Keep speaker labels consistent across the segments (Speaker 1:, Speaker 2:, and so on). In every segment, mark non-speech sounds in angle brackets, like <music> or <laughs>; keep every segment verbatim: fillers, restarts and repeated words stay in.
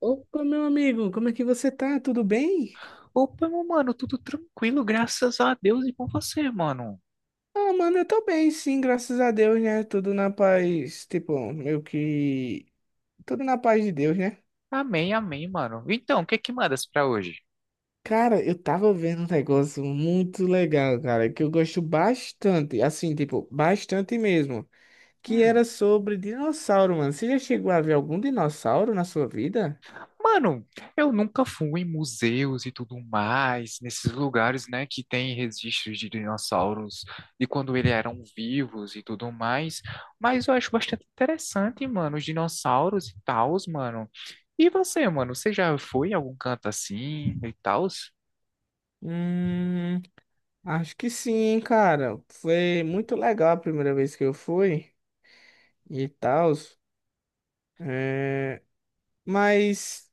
Speaker 1: Opa, meu amigo, como é que você tá? Tudo bem?
Speaker 2: Opa, meu mano, tudo tranquilo, graças a Deus e com você, mano.
Speaker 1: Ah, mano, eu tô bem, sim, graças a Deus, né? Tudo na paz, tipo, meio que. Tudo na paz de Deus, né?
Speaker 2: Amém, amém, mano. Então, o que é que mandas pra hoje?
Speaker 1: Cara, eu tava vendo um negócio muito legal, cara, que eu gosto bastante, assim, tipo, bastante mesmo, que
Speaker 2: Hum,
Speaker 1: era sobre dinossauro, mano. Você já chegou a ver algum dinossauro na sua vida?
Speaker 2: mano, eu nunca fui em museus e tudo mais, nesses lugares, né, que tem registros de dinossauros de quando eles eram vivos e tudo mais, mas eu acho bastante interessante, mano, os dinossauros e tals, mano. E você, mano, você já foi em algum canto assim e tal?
Speaker 1: Hum, acho que sim, cara. Foi muito legal a primeira vez que eu fui e tal. Mas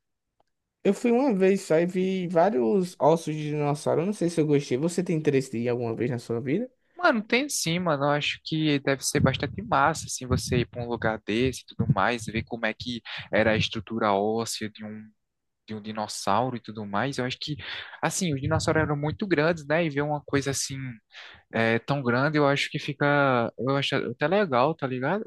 Speaker 1: eu fui uma vez só e vi vários ossos de dinossauro. Eu não sei se eu gostei. Você tem interesse de ir alguma vez na sua vida?
Speaker 2: Mano, tem sim, mano. Eu acho que deve ser bastante massa, assim, você ir para um lugar desse e tudo mais, ver como é que era a estrutura óssea de um, de um dinossauro e tudo mais. Eu acho que, assim, os dinossauros eram muito grandes, né? E ver uma coisa assim, é, tão grande, eu acho que fica. Eu acho até legal, tá ligado?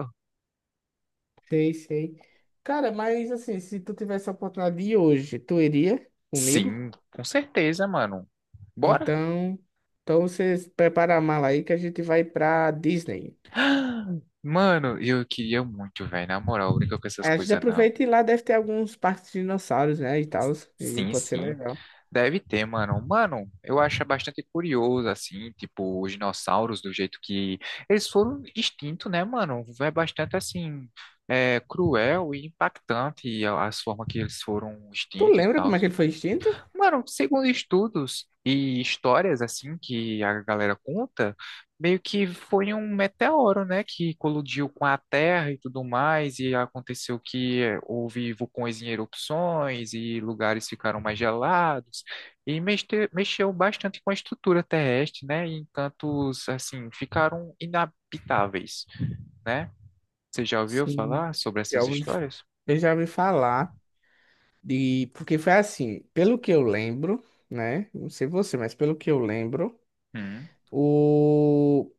Speaker 1: Sei, sei. Cara, mas assim, se tu tivesse a oportunidade de ir hoje, tu iria comigo?
Speaker 2: Sim, com certeza, mano. Bora?
Speaker 1: Então, então você prepara a mala aí que a gente vai pra Disney.
Speaker 2: Mano, eu queria muito, velho. Na moral, brinca com essas
Speaker 1: A gente
Speaker 2: coisas, não.
Speaker 1: aproveita e lá deve ter alguns parques de dinossauros, né, e tal, e
Speaker 2: Sim,
Speaker 1: pode ser
Speaker 2: sim.
Speaker 1: legal.
Speaker 2: Deve ter, mano. Mano, eu acho bastante curioso, assim, tipo, os dinossauros, do jeito que eles foram extintos, né, mano? É bastante, assim, é, cruel e impactante a, a forma que eles foram
Speaker 1: Tu
Speaker 2: extintos e
Speaker 1: lembra
Speaker 2: tal.
Speaker 1: como é que ele foi extinto?
Speaker 2: Mano, segundo estudos e histórias assim que a galera conta, meio que foi um meteoro, né, que colidiu com a Terra e tudo mais, e aconteceu que houve vulcões em erupções e lugares ficaram mais gelados, e mexe- mexeu bastante com a estrutura terrestre, né, e encantos assim ficaram inabitáveis, né? Você já ouviu
Speaker 1: Sim,
Speaker 2: falar sobre
Speaker 1: já
Speaker 2: essas
Speaker 1: ouvi-
Speaker 2: histórias?
Speaker 1: eu já ouvi falar de. Porque foi assim, pelo que eu lembro, né? Não sei você, mas pelo que eu lembro,
Speaker 2: Hum,
Speaker 1: o,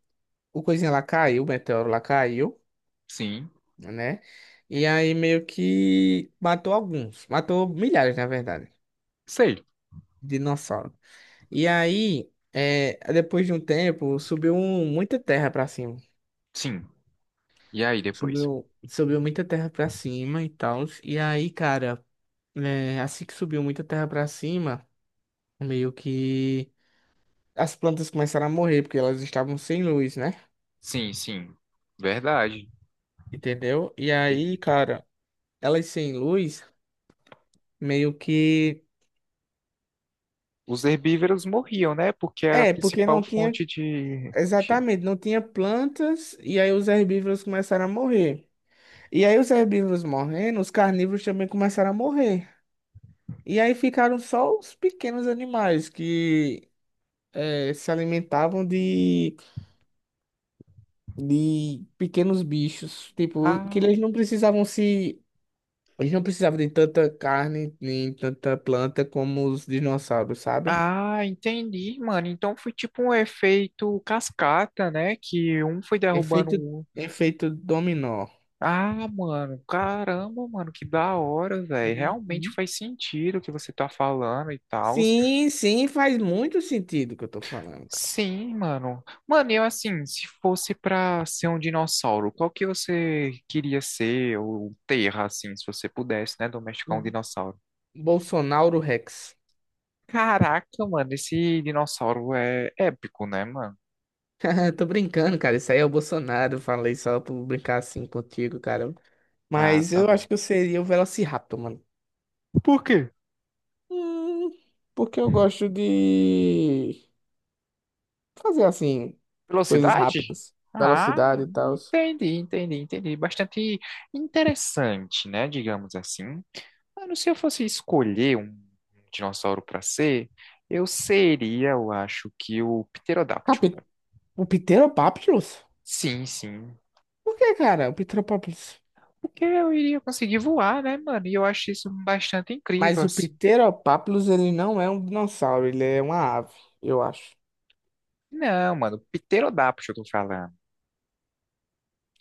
Speaker 1: o coisinha lá caiu, o meteoro lá caiu,
Speaker 2: sim,
Speaker 1: né? E aí meio que matou alguns, matou milhares, na verdade,
Speaker 2: sei,
Speaker 1: de dinossauro. E aí, é, depois de um tempo, subiu um- muita terra pra cima.
Speaker 2: sim. E aí depois?
Speaker 1: Subiu, subiu muita terra pra cima e tal. E aí, cara, é, assim que subiu muita terra pra cima. Meio que as plantas começaram a morrer porque elas estavam sem luz, né?
Speaker 2: Sim, sim. Verdade.
Speaker 1: Entendeu? E aí,
Speaker 2: Entendi.
Speaker 1: cara, elas sem luz, meio que
Speaker 2: Os herbívoros morriam, né? Porque era a
Speaker 1: é, porque
Speaker 2: principal
Speaker 1: não tinha
Speaker 2: fonte de. de-
Speaker 1: exatamente, não tinha plantas e aí os herbívoros começaram a morrer. E aí os herbívoros morrendo, os carnívoros também começaram a morrer. E aí ficaram só os pequenos animais que eh, se alimentavam de, de pequenos bichos, tipo, que
Speaker 2: Ah,
Speaker 1: eles não precisavam se a gente não precisava de tanta carne nem tanta planta como os dinossauros, sabe?
Speaker 2: ah, entendi, mano. Então foi tipo um efeito cascata, né? Que um foi derrubando
Speaker 1: Efeito,
Speaker 2: o outro.
Speaker 1: efeito dominó.
Speaker 2: Ah, mano, caramba, mano, que da hora, velho. Realmente
Speaker 1: Uhum.
Speaker 2: faz sentido o que você tá falando e tal.
Speaker 1: Sim, sim, faz muito sentido o que eu tô falando.
Speaker 2: Sim, mano. Mano, eu assim, se fosse pra ser um dinossauro, qual que você queria ser ou terra, assim, se você pudesse, né, domesticar
Speaker 1: O
Speaker 2: um dinossauro?
Speaker 1: Bolsonaro Rex.
Speaker 2: Caraca, mano, esse dinossauro é épico, né, mano?
Speaker 1: <laughs> Tô brincando, cara. Isso aí é o Bolsonaro. Falei só por brincar assim contigo, cara.
Speaker 2: Ah,
Speaker 1: Mas
Speaker 2: tá
Speaker 1: eu
Speaker 2: bom.
Speaker 1: acho que eu seria o Velociraptor, mano.
Speaker 2: Por quê?
Speaker 1: Hum, porque eu gosto de fazer assim, coisas
Speaker 2: Velocidade?
Speaker 1: rápidas,
Speaker 2: Ah,
Speaker 1: velocidade e tal.
Speaker 2: entendi, entendi, entendi. Bastante interessante, né, digamos assim. Mano, se eu fosse escolher um dinossauro pra ser, eu seria, eu acho que o pterodáctilo.
Speaker 1: O Pteropapilus?
Speaker 2: Sim, sim.
Speaker 1: Por que, cara? O Pteropapilus.
Speaker 2: Porque eu iria conseguir voar, né, mano? E eu acho isso bastante incrível,
Speaker 1: Mas o
Speaker 2: assim.
Speaker 1: Pteropapilus, ele não é um dinossauro, ele é uma ave, eu acho.
Speaker 2: Não, mano, pterodáptero eu tô falando,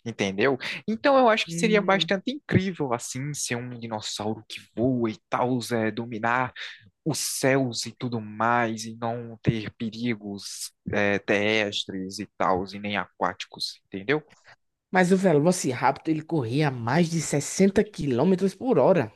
Speaker 2: entendeu? Então eu acho que seria
Speaker 1: Hum.
Speaker 2: bastante incrível, assim, ser um dinossauro que voa e tal, é, dominar os céus e tudo mais, e não ter perigos, é, terrestres e tal, e nem aquáticos, entendeu?
Speaker 1: Mas o Velociraptor, ele corria a mais de sessenta quilômetros por hora.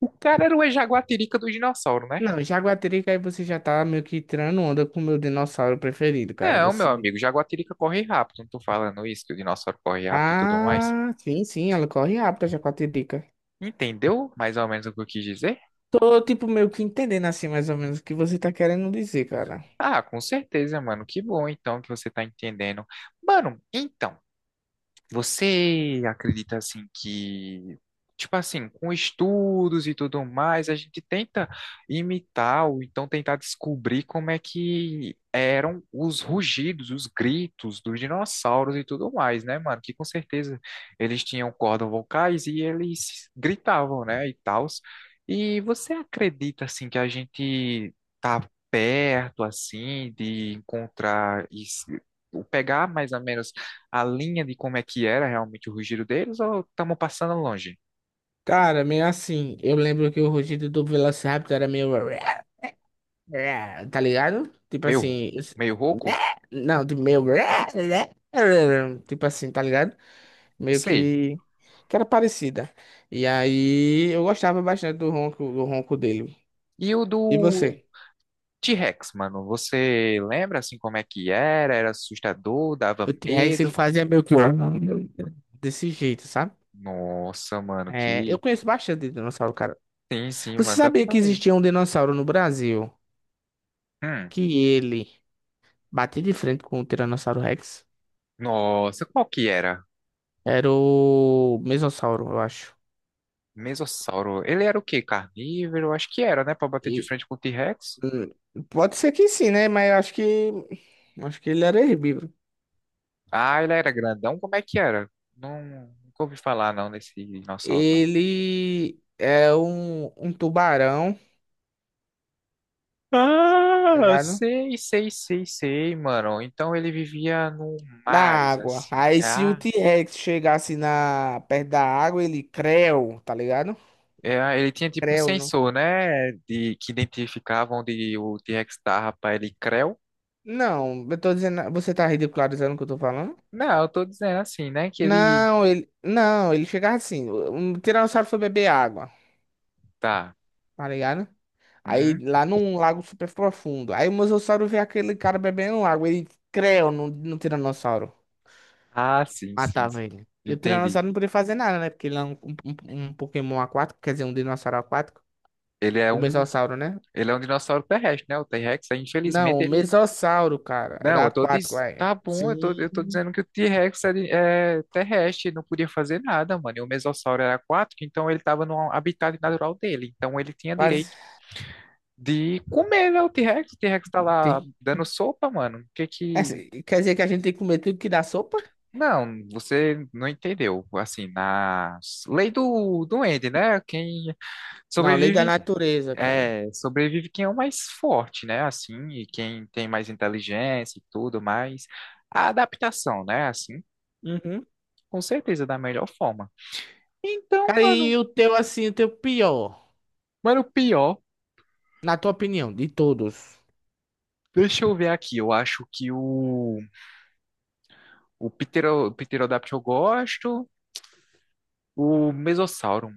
Speaker 2: O cara era o jaguatirica do dinossauro, né?
Speaker 1: Não, Jaguatirica, aí você já tá meio que tirando onda com o meu dinossauro preferido, cara.
Speaker 2: Não, meu
Speaker 1: Você.
Speaker 2: amigo, jaguatirica corre rápido, não tô falando isso, que o dinossauro corre rápido e tudo mais.
Speaker 1: Ah, sim, sim, ela corre rápido, a Jaguatirica.
Speaker 2: Entendeu mais ou menos o que eu quis dizer?
Speaker 1: Tô, tipo, meio que entendendo, assim, mais ou menos, o que você tá querendo dizer, cara.
Speaker 2: Ah, com certeza, mano. Que bom então que você tá entendendo. Mano, então. Você acredita assim que, tipo assim, com estudos e tudo mais, a gente tenta imitar ou então tentar descobrir como é que eram os rugidos, os gritos dos dinossauros e tudo mais, né, mano? Que com certeza eles tinham cordas vocais e eles gritavam, né, e tals. E você acredita assim que a gente tá perto assim de encontrar isso, ou pegar mais ou menos a linha de como é que era realmente o rugido deles ou estamos passando longe?
Speaker 1: Cara, meio assim, eu lembro que o rugido do Velociraptor era meio. É, tá ligado? Tipo
Speaker 2: Meio,
Speaker 1: assim, isso-
Speaker 2: meio
Speaker 1: né?
Speaker 2: rouco?
Speaker 1: Não, tipo meio, né? Né? Tipo assim, tá ligado? Meio
Speaker 2: Sei.
Speaker 1: que que era parecida. E aí eu gostava bastante do ronco, do ronco dele.
Speaker 2: E o
Speaker 1: E
Speaker 2: do
Speaker 1: você?
Speaker 2: tê rex, mano, você lembra assim como é que era? Era assustador, dava
Speaker 1: O T-Rex ele
Speaker 2: medo?
Speaker 1: fazia meio que desse jeito, sabe?
Speaker 2: Nossa, mano,
Speaker 1: É, eu
Speaker 2: que...
Speaker 1: conheço bastante de dinossauro, cara.
Speaker 2: Sim, sim,
Speaker 1: Você
Speaker 2: mano, dá
Speaker 1: sabia
Speaker 2: pra
Speaker 1: que
Speaker 2: ver.
Speaker 1: existia um dinossauro no Brasil
Speaker 2: Hum,
Speaker 1: que ele batia de frente com o Tiranossauro Rex?
Speaker 2: nossa, qual que era?
Speaker 1: Era o Mesossauro, eu acho.
Speaker 2: Mesossauro. Ele era o quê? Carnívoro? Acho que era, né? Pra bater de
Speaker 1: E
Speaker 2: frente com o t rex.
Speaker 1: hum, pode ser que sim, né? Mas eu acho que. Acho que ele era herbívoro.
Speaker 2: Ah, ele era grandão? Como é que era? Não, nunca ouvi falar, não, desse dinossauro.
Speaker 1: Ele é um, um tubarão, tá
Speaker 2: Ah,
Speaker 1: ligado?
Speaker 2: sei, sei, sei, sei, mano. Então ele vivia no
Speaker 1: Da
Speaker 2: mares,
Speaker 1: água.
Speaker 2: assim.
Speaker 1: Aí se o
Speaker 2: Ah,
Speaker 1: T-Rex chegasse na, perto da água, ele creu, tá ligado?
Speaker 2: é, ele tinha tipo um
Speaker 1: Creu, não.
Speaker 2: sensor, né? De, que identificava onde o t rex tava pra ele creu.
Speaker 1: Não, eu tô dizendo. Você tá ridicularizando o que eu tô falando?
Speaker 2: Não, eu tô dizendo assim, né? Que ele.
Speaker 1: Não, ele. Não, ele chegava assim. Um tiranossauro foi beber água,
Speaker 2: Tá.
Speaker 1: tá ligado? Aí
Speaker 2: Uhum.
Speaker 1: lá num lago super profundo. Aí o Mosasauro vê aquele cara bebendo água. Ele creu no, no Tiranossauro.
Speaker 2: Ah, sim, sim, sim.
Speaker 1: Matava ele. E o
Speaker 2: Entendi.
Speaker 1: Tiranossauro não podia fazer nada, né? Porque ele é um, um, um um Pokémon aquático, quer dizer, um dinossauro aquático.
Speaker 2: Ele é
Speaker 1: O
Speaker 2: um,
Speaker 1: Mesossauro, né?
Speaker 2: ele é um dinossauro terrestre, né? O tê rex, aí,
Speaker 1: Não,
Speaker 2: infelizmente,
Speaker 1: o
Speaker 2: ele...
Speaker 1: Mesossauro, cara.
Speaker 2: Não,
Speaker 1: Era
Speaker 2: eu tô
Speaker 1: aquático,
Speaker 2: diz...
Speaker 1: é
Speaker 2: Tá bom, eu tô, eu tô
Speaker 1: sim.
Speaker 2: dizendo que o t rex é, de- é terrestre, não podia fazer nada, mano. E o Mesossauro era aquático, então ele tava no habitat natural dele. Então ele tinha
Speaker 1: Mas
Speaker 2: direito de comer, né, o T-Rex. O T-Rex tá lá
Speaker 1: tem.
Speaker 2: dando sopa, mano. O que
Speaker 1: É,
Speaker 2: que...
Speaker 1: quer dizer que a gente tem que comer tudo que dá sopa?
Speaker 2: Não, você não entendeu. Assim, na lei do duende, né? Quem
Speaker 1: Não, lei da
Speaker 2: sobrevive,
Speaker 1: natureza, cara.
Speaker 2: é, sobrevive quem é o mais forte, né? Assim, e quem tem mais inteligência e tudo mais. A adaptação, né? Assim.
Speaker 1: Uhum.
Speaker 2: Com certeza, da melhor forma. Então,
Speaker 1: Cara,
Speaker 2: mano,
Speaker 1: e o teu, assim, o teu pior,
Speaker 2: mano, pior.
Speaker 1: na tua opinião, de todos?
Speaker 2: Deixa eu ver aqui. Eu acho que o, o Ptero, Pterodáctilo eu gosto. O Mesossauro,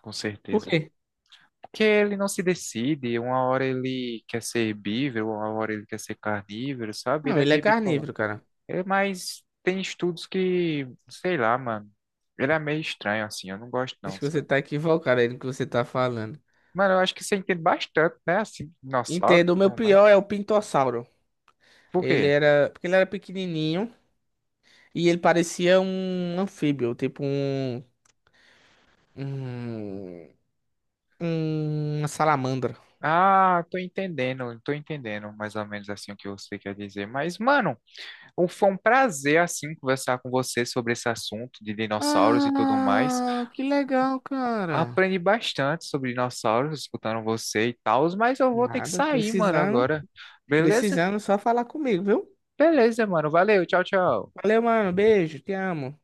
Speaker 2: com
Speaker 1: Por
Speaker 2: certeza.
Speaker 1: quê?
Speaker 2: Porque ele não se decide. Uma hora ele quer ser herbívoro, uma hora ele quer ser carnívoro, sabe? Ele
Speaker 1: Não,
Speaker 2: é
Speaker 1: ele é
Speaker 2: meio bipolar.
Speaker 1: carnívoro, cara.
Speaker 2: É, mas tem estudos que, sei lá, mano. Ele é meio estranho, assim. Eu não gosto,
Speaker 1: Acho
Speaker 2: não,
Speaker 1: que você
Speaker 2: sabe?
Speaker 1: tá equivocado aí no que você tá falando.
Speaker 2: Mano, eu acho que você entende bastante, né? Assim, dinossauro e
Speaker 1: Entendo, o meu
Speaker 2: tudo mais.
Speaker 1: pior é o pintossauro.
Speaker 2: Por
Speaker 1: Ele
Speaker 2: quê?
Speaker 1: era, porque ele era pequenininho e ele parecia um anfíbio, tipo um, um, uma salamandra.
Speaker 2: Ah, tô entendendo, tô entendendo mais ou menos assim o que você quer dizer. Mas, mano, um- foi um prazer, assim, conversar com você sobre esse assunto de dinossauros e tudo mais.
Speaker 1: Ah, que legal, cara.
Speaker 2: Aprendi bastante sobre dinossauros escutando você e tal, mas eu vou ter que
Speaker 1: Nada,
Speaker 2: sair, mano,
Speaker 1: precisando,
Speaker 2: agora. Beleza?
Speaker 1: precisando só falar comigo, viu?
Speaker 2: Beleza, mano. Valeu, tchau, tchau.
Speaker 1: Valeu, mano, beijo, te amo.